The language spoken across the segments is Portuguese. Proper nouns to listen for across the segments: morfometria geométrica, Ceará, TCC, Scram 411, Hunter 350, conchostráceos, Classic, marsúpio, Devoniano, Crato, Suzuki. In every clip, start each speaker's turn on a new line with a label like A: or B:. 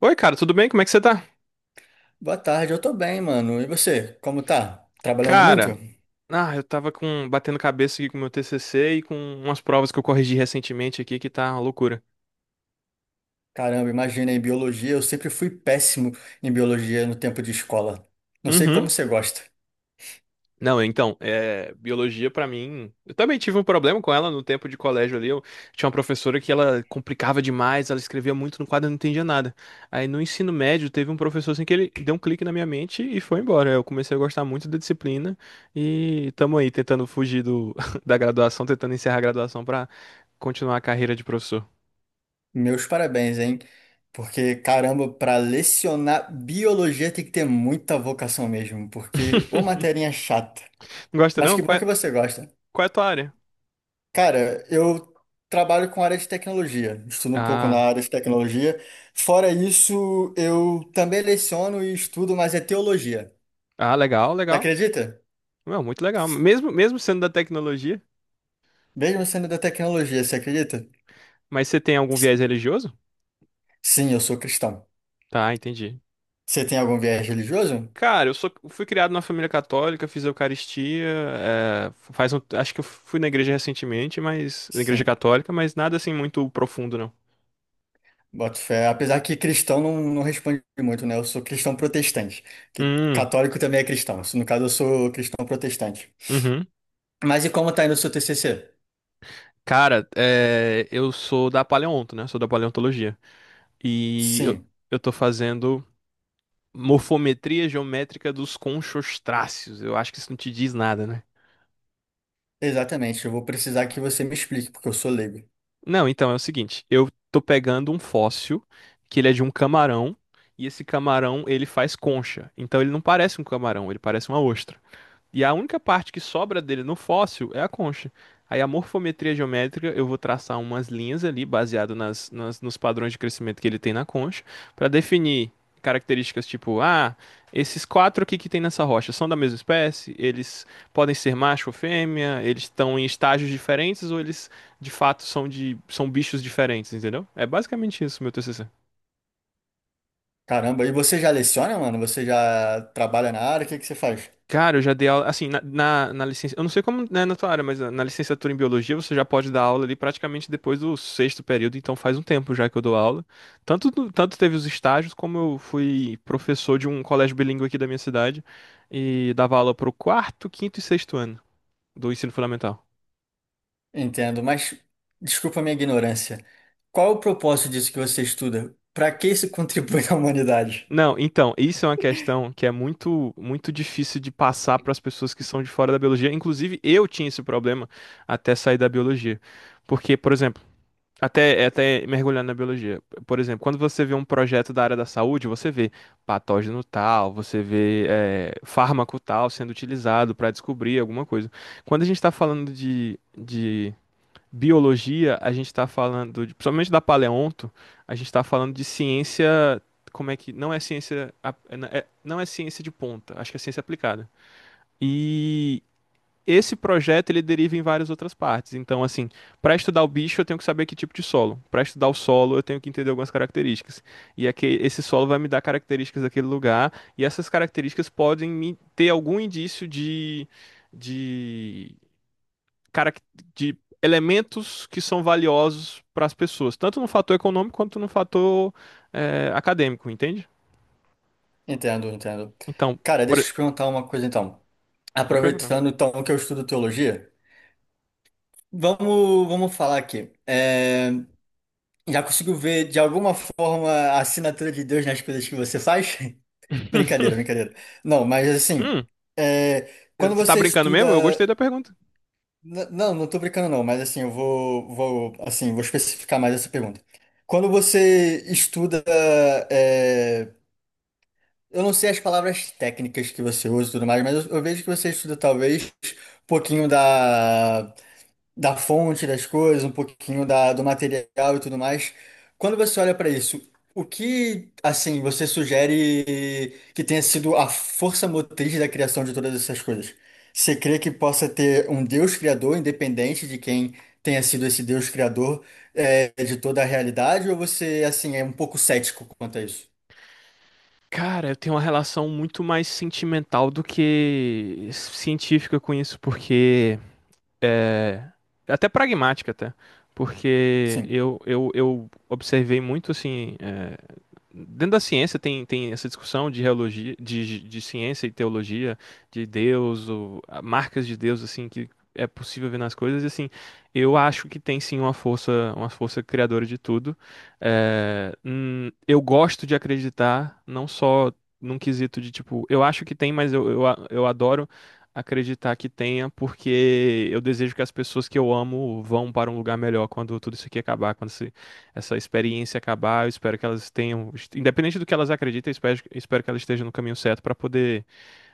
A: Oi, cara, tudo bem? Como é que você tá?
B: Boa tarde, eu tô bem, mano. E você, como tá? Trabalhando muito?
A: Cara, eu tava com batendo cabeça aqui com o meu TCC e com umas provas que eu corrigi recentemente aqui que tá uma loucura.
B: Caramba, imagina, em biologia, eu sempre fui péssimo em biologia no tempo de escola. Não sei
A: Uhum.
B: como você gosta.
A: Não, então, é, biologia pra mim. Eu também tive um problema com ela no tempo de colégio ali. Eu tinha uma professora que ela complicava demais, ela escrevia muito no quadro, eu não entendia nada. Aí no ensino médio teve um professor assim que ele deu um clique na minha mente e foi embora. Eu comecei a gostar muito da disciplina e tamo aí tentando fugir da graduação, tentando encerrar a graduação pra continuar a carreira de professor.
B: Meus parabéns, hein? Porque, caramba, para lecionar biologia tem que ter muita vocação mesmo, porque ô matéria chata.
A: Não gosta
B: Mas
A: não?
B: que
A: Qual
B: bom
A: é,
B: que você gosta.
A: qual é a tua área?
B: Cara, eu trabalho com área de tecnologia, estudo um pouco na
A: Ah,
B: área de tecnologia. Fora isso, eu também leciono e estudo, mas é teologia.
A: ah, legal,
B: Não
A: legal.
B: acredita?
A: Não, muito legal. Mesmo, mesmo sendo da tecnologia.
B: Mesmo sendo da tecnologia, você acredita?
A: Mas você tem algum viés religioso?
B: Sim, eu sou cristão.
A: Tá, entendi.
B: Você tem algum viés religioso?
A: Cara, fui criado na família católica, fiz Eucaristia, faz um, acho que eu fui na igreja recentemente, mas na igreja
B: Sim,
A: católica, mas nada assim muito profundo, não.
B: boto fé. Apesar que cristão não responde muito, né? Eu sou cristão protestante. Que
A: Hum,
B: católico também é cristão. No caso, eu sou cristão protestante.
A: uhum.
B: Mas e como tá indo o seu TCC?
A: Cara, eu sou da paleonto, né? Sou da paleontologia. E eu,
B: Sim,
A: eu tô fazendo morfometria geométrica dos conchostráceos. Eu acho que isso não te diz nada, né?
B: exatamente. Eu vou precisar que você me explique, porque eu sou leigo.
A: Não, então é o seguinte, eu tô pegando um fóssil que ele é de um camarão e esse camarão ele faz concha. Então ele não parece um camarão, ele parece uma ostra. E a única parte que sobra dele no fóssil é a concha. Aí a morfometria geométrica, eu vou traçar umas linhas ali, baseado nos padrões de crescimento que ele tem na concha, para definir características tipo, esses quatro aqui que tem nessa rocha são da mesma espécie, eles podem ser macho ou fêmea, eles estão em estágios diferentes ou eles de fato são bichos diferentes, entendeu? É basicamente isso, meu TCC.
B: Caramba, e você já leciona, mano? Você já trabalha na área? O que que você faz?
A: Cara, eu já dei aula, assim, na licença, eu não sei como né, na tua área, mas na licenciatura em biologia você já pode dar aula ali praticamente depois do sexto período, então faz um tempo já que eu dou aula. Tanto teve os estágios, como eu fui professor de um colégio bilíngue aqui da minha cidade e dava aula pro quarto, quinto e sexto ano do ensino fundamental.
B: Entendo, mas desculpa a minha ignorância. Qual é o propósito disso que você estuda? Para que isso contribui à humanidade?
A: Não, então, isso é uma questão que é muito, muito difícil de passar para as pessoas que são de fora da biologia. Inclusive, eu tinha esse problema até sair da biologia. Porque, por exemplo, até mergulhando na biologia. Por exemplo, quando você vê um projeto da área da saúde, você vê patógeno tal, você vê fármaco tal sendo utilizado para descobrir alguma coisa. Quando a gente está falando de biologia, a gente está falando, principalmente da paleonto, a gente está falando de ciência, como é que, não é ciência, não é ciência de ponta, acho que é ciência aplicada. E esse projeto ele deriva em várias outras partes. Então, assim, para estudar o bicho, eu tenho que saber que tipo de solo. Para estudar o solo, eu tenho que entender algumas características. E aqui, esse solo vai me dar características daquele lugar, e essas características podem me ter algum indício de, carac- de elementos que são valiosos para as pessoas, tanto no fator econômico quanto no fator acadêmico, entende?
B: Entendo, entendo.
A: Então,
B: Cara,
A: por...
B: deixa
A: e-
B: eu te perguntar uma coisa então.
A: pode perguntar.
B: Aproveitando então que eu estudo teologia, vamos falar aqui. Já conseguiu ver de alguma forma a assinatura de Deus nas coisas que você faz? Brincadeira, brincadeira. Não, mas assim,
A: Hum,
B: é, quando
A: você tá
B: você
A: brincando mesmo? Eu
B: estuda
A: gostei da pergunta.
B: Não, não tô brincando não, mas assim, eu vou especificar mais essa pergunta. Quando você estuda, é, eu não sei as palavras técnicas que você usa e tudo mais, mas eu vejo que você estuda talvez um pouquinho da fonte das coisas, um pouquinho do material e tudo mais. Quando você olha para isso, o que, assim, você sugere que tenha sido a força motriz da criação de todas essas coisas? Você crê que possa ter um Deus criador, independente de quem tenha sido esse Deus criador, de toda a realidade? Ou você, assim, é um pouco cético quanto a isso?
A: Cara, eu tenho uma relação muito mais sentimental do que científica com isso, porque é até pragmática até, porque
B: Sim.
A: eu observei muito assim. Dentro da ciência tem essa discussão de reologia, de ciência e teologia, de Deus, ou marcas de Deus, assim, que é possível ver nas coisas, e assim, eu acho que tem sim uma força criadora de tudo. É, eu gosto de acreditar, não só num quesito de tipo, eu acho que tem, mas eu adoro acreditar que tenha, porque eu desejo que as pessoas que eu amo vão para um lugar melhor quando tudo isso aqui acabar, quando essa experiência acabar. Eu espero que elas tenham, independente do que elas acreditem, eu espero que elas estejam no caminho certo para poder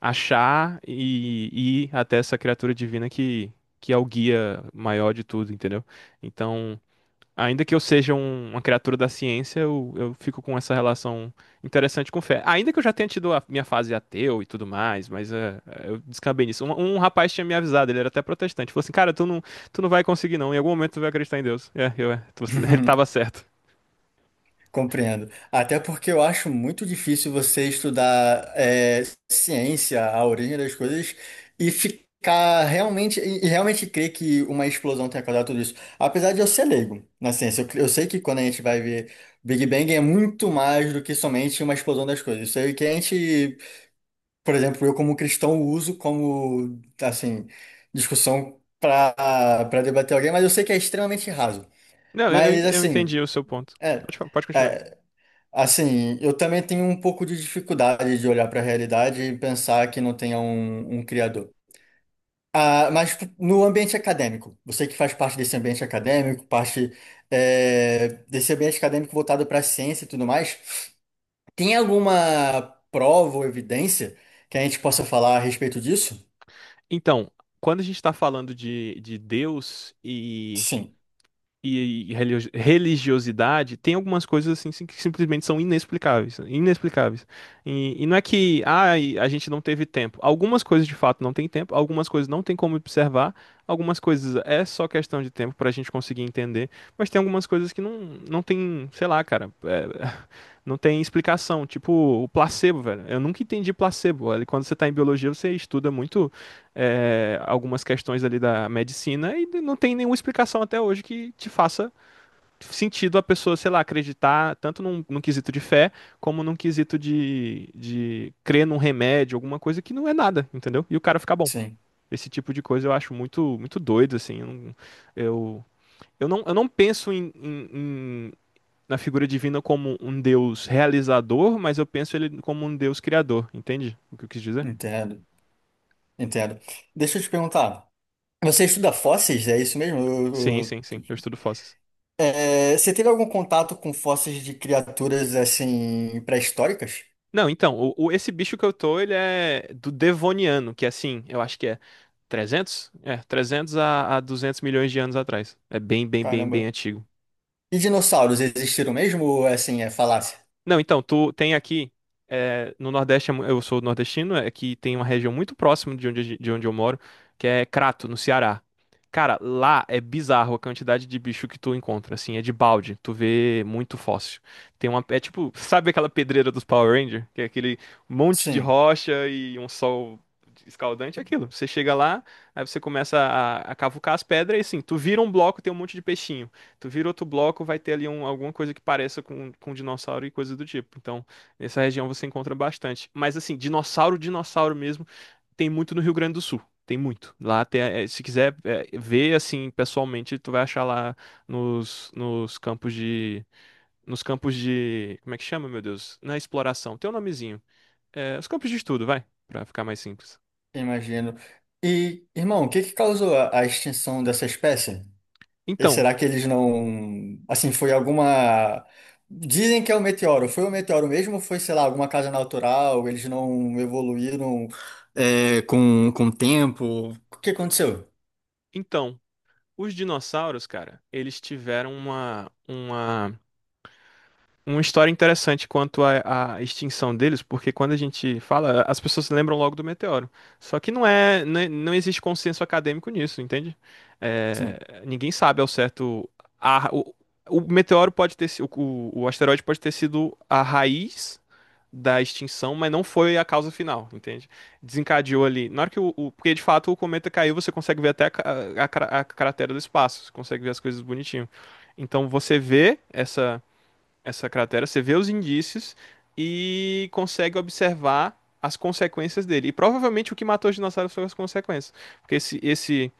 A: achar e ir até essa criatura divina que é o guia maior de tudo, entendeu? Então, ainda que eu seja uma criatura da ciência, eu fico com essa relação interessante com fé. Ainda que eu já tenha tido a minha fase ateu e tudo mais, mas eu descambei nisso. Um rapaz tinha me avisado, ele era até protestante. Falou assim, cara, tu não vai conseguir não, em algum momento tu vai acreditar em Deus. Ele tava certo.
B: Compreendo. Até porque eu acho muito difícil você estudar ciência, a origem das coisas, e ficar realmente, e realmente crer que uma explosão tenha causado tudo isso. Apesar de eu ser leigo na ciência, eu sei que quando a gente vai ver Big Bang é muito mais do que somente uma explosão das coisas. Isso aí que a gente, por exemplo, eu como cristão uso como, assim, discussão para debater alguém, mas eu sei que é extremamente raso.
A: Não, eu, eu ent-
B: Mas,
A: eu
B: assim,
A: entendi o seu ponto.
B: é.
A: Pode continuar.
B: É, assim, eu também tenho um pouco de dificuldade de olhar para a realidade e pensar que não tenha um criador. Ah, mas no ambiente acadêmico, você que faz parte desse ambiente acadêmico, parte desse ambiente acadêmico voltado para a ciência e tudo mais, tem alguma prova ou evidência que a gente possa falar a respeito disso?
A: Então, quando a gente está falando de Deus e
B: Sim,
A: e, e religi- religiosidade, tem algumas coisas assim que simplesmente são inexplicáveis, inexplicáveis. E não é que e a gente não teve tempo. Algumas coisas de fato não tem tempo, algumas coisas não tem como observar, algumas coisas é só questão de tempo para a gente conseguir entender, mas tem algumas coisas que não tem, sei lá, cara, não tem explicação. Tipo o placebo, velho. Eu nunca entendi placebo. Olha, quando você tá em biologia, você estuda muito algumas questões ali da medicina e não tem nenhuma explicação até hoje que te faça sentido a pessoa, sei lá, acreditar tanto num quesito de fé como num quesito de crer num remédio, alguma coisa que não é nada, entendeu? E o cara fica bom.
B: sim,
A: Esse tipo de coisa eu acho muito, muito doido, assim. Eu, eu não penso em- na figura divina como um Deus realizador, mas eu penso ele como um Deus criador, entende o que eu quis dizer?
B: entendo, entendo. Deixa eu te perguntar, você estuda fósseis? É isso mesmo?
A: Sim, sim, sim. Eu estudo fósseis.
B: É, você teve algum contato com fósseis de criaturas assim pré-históricas?
A: Não, então, esse bicho que eu tô, ele é do Devoniano, que é assim, eu acho que é trezentos a 200 milhões de anos atrás. É bem, bem, bem, bem
B: Caramba.
A: antigo.
B: E dinossauros existiram mesmo ou assim é falácia?
A: Não, então, tu tem aqui, no Nordeste, é eu sou nordestino, é que tem uma região muito próxima de onde eu moro, que é Crato, no Ceará. Cara, lá é bizarro a quantidade de bicho que tu encontra, assim, é de balde, tu vê muito fóssil. É tipo, sabe aquela pedreira dos Power Ranger? Que é aquele monte de
B: Sim,
A: rocha e um sol escaldante, é aquilo. Você chega lá, aí você começa a cavucar as pedras e assim, tu vira um bloco, tem um monte de peixinho. Tu vira outro bloco, vai ter ali alguma coisa que pareça com dinossauro e coisa do tipo. Então, nessa região você encontra bastante. Mas assim, dinossauro, dinossauro mesmo, tem muito no Rio Grande do Sul. Tem muito. Lá tem, se quiser ver assim pessoalmente, tu vai achar lá nos campos de. Nos campos de. Como é que chama, meu Deus? Na exploração. Tem um nomezinho. É, os campos de estudo, vai, pra ficar mais simples.
B: imagino. E, irmão, o que que causou a extinção dessa espécie? E
A: Então,
B: será que eles não, assim, foi alguma. Dizem que é o meteoro. Foi o meteoro mesmo ou foi, sei lá, alguma casa natural? Eles não evoluíram com o tempo? O que aconteceu?
A: então, os dinossauros, cara, eles tiveram uma história interessante quanto à extinção deles, porque quando a gente fala, as pessoas se lembram logo do meteoro. Só que não é, não, é, não existe consenso acadêmico nisso, entende?
B: Sim,
A: É, ninguém sabe ao certo. A, o, o meteoro pode ter sido, o asteroide pode ter sido a raiz da extinção, mas não foi a causa final, entende? Desencadeou ali. Na hora que porque de fato o cometa caiu, você consegue ver até a cratera do espaço, você consegue ver as coisas bonitinho. Então você vê essa cratera, você vê os indícios e consegue observar as consequências dele. E provavelmente o que matou os dinossauros foram as consequências. Porque esse, esse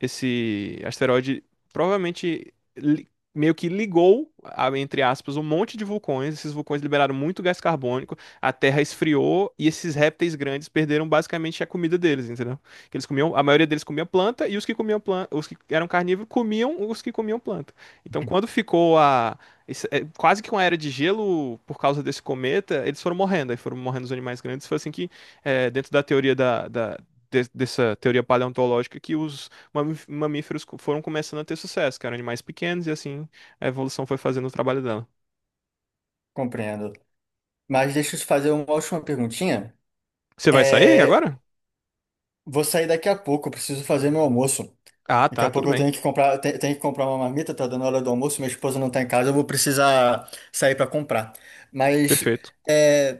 A: esse asteroide provavelmente meio que ligou, entre aspas, um monte de vulcões. Esses vulcões liberaram muito gás carbônico, a Terra esfriou e esses répteis grandes perderam basicamente a comida deles, entendeu? Que eles comiam, a maioria deles comia planta e os que comiam planta, os que eram carnívoros comiam os que comiam planta. Então, quando ficou quase que uma era de gelo por causa desse cometa, eles foram morrendo, aí foram morrendo os animais grandes. Foi assim que, dentro da teoria dessa teoria paleontológica, que os mamíferos foram começando a ter sucesso, que eram animais pequenos e assim a evolução foi fazendo o trabalho dela.
B: compreendo. Mas deixa eu te fazer uma última perguntinha.
A: Você vai sair
B: É,
A: agora?
B: vou sair daqui a pouco, eu preciso fazer meu almoço.
A: Ah,
B: Daqui a
A: tá, tudo
B: pouco eu
A: bem.
B: tenho que comprar, te- tenho que comprar uma marmita, tá dando hora do almoço, minha esposa não tá em casa, eu vou precisar sair para comprar. Mas
A: Perfeito.
B: é,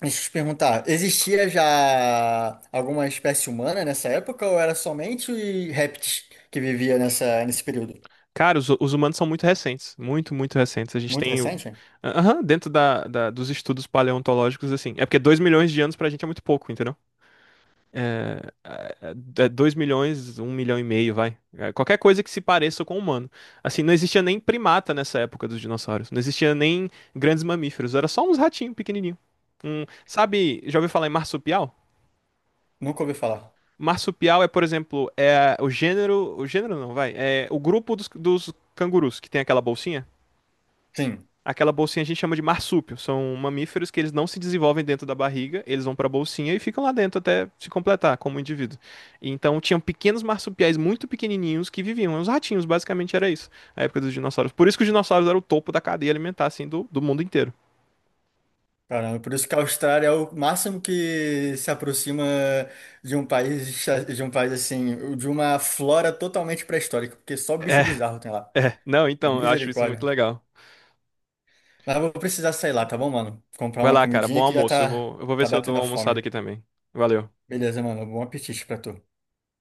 B: deixa eu te perguntar, existia já alguma espécie humana nessa época ou era somente répteis que vivia nesse período?
A: Cara, os humanos são muito recentes, muito, muito recentes. A gente
B: Muito
A: tem o...
B: recente?
A: Aham, dentro dos estudos paleontológicos, assim. É porque 2 milhões de anos pra gente é muito pouco, entendeu? É, é, 2 milhões, um milhão e meio, vai. É, qualquer coisa que se pareça com o humano. Assim, não existia nem primata nessa época dos dinossauros. Não existia nem grandes mamíferos. Era só uns ratinhos pequenininhos. Sabe, já ouviu falar em marsupial?
B: Nunca ouvi falar.
A: Marsupial é, por exemplo, é o gênero. O gênero não, vai. É o grupo dos cangurus, que tem aquela bolsinha.
B: Sim.
A: Aquela bolsinha a gente chama de marsúpio. São mamíferos que eles não se desenvolvem dentro da barriga, eles vão pra bolsinha e ficam lá dentro até se completar como indivíduo. Então tinham pequenos marsupiais muito pequenininhos que viviam. Os ratinhos, basicamente era isso, a época dos dinossauros. Por isso que os dinossauros eram o topo da cadeia alimentar, assim, do mundo inteiro.
B: Caramba, por isso que a Austrália é o máximo que se aproxima de um país, de um país assim, de uma flora totalmente pré-histórica, porque só
A: É,
B: bicho bizarro tem lá.
A: é. Não, então, eu acho isso muito
B: Misericórdia.
A: legal.
B: Mas eu vou precisar sair lá, tá bom, mano? Comprar
A: Vai
B: uma
A: lá, cara. Bom
B: comidinha que já
A: almoço. Eu
B: tá,
A: vou, eu vou ver
B: tá
A: se eu dou
B: batendo
A: uma
B: a
A: almoçada
B: fome.
A: aqui também. Valeu.
B: Beleza, mano. Bom apetite pra tu.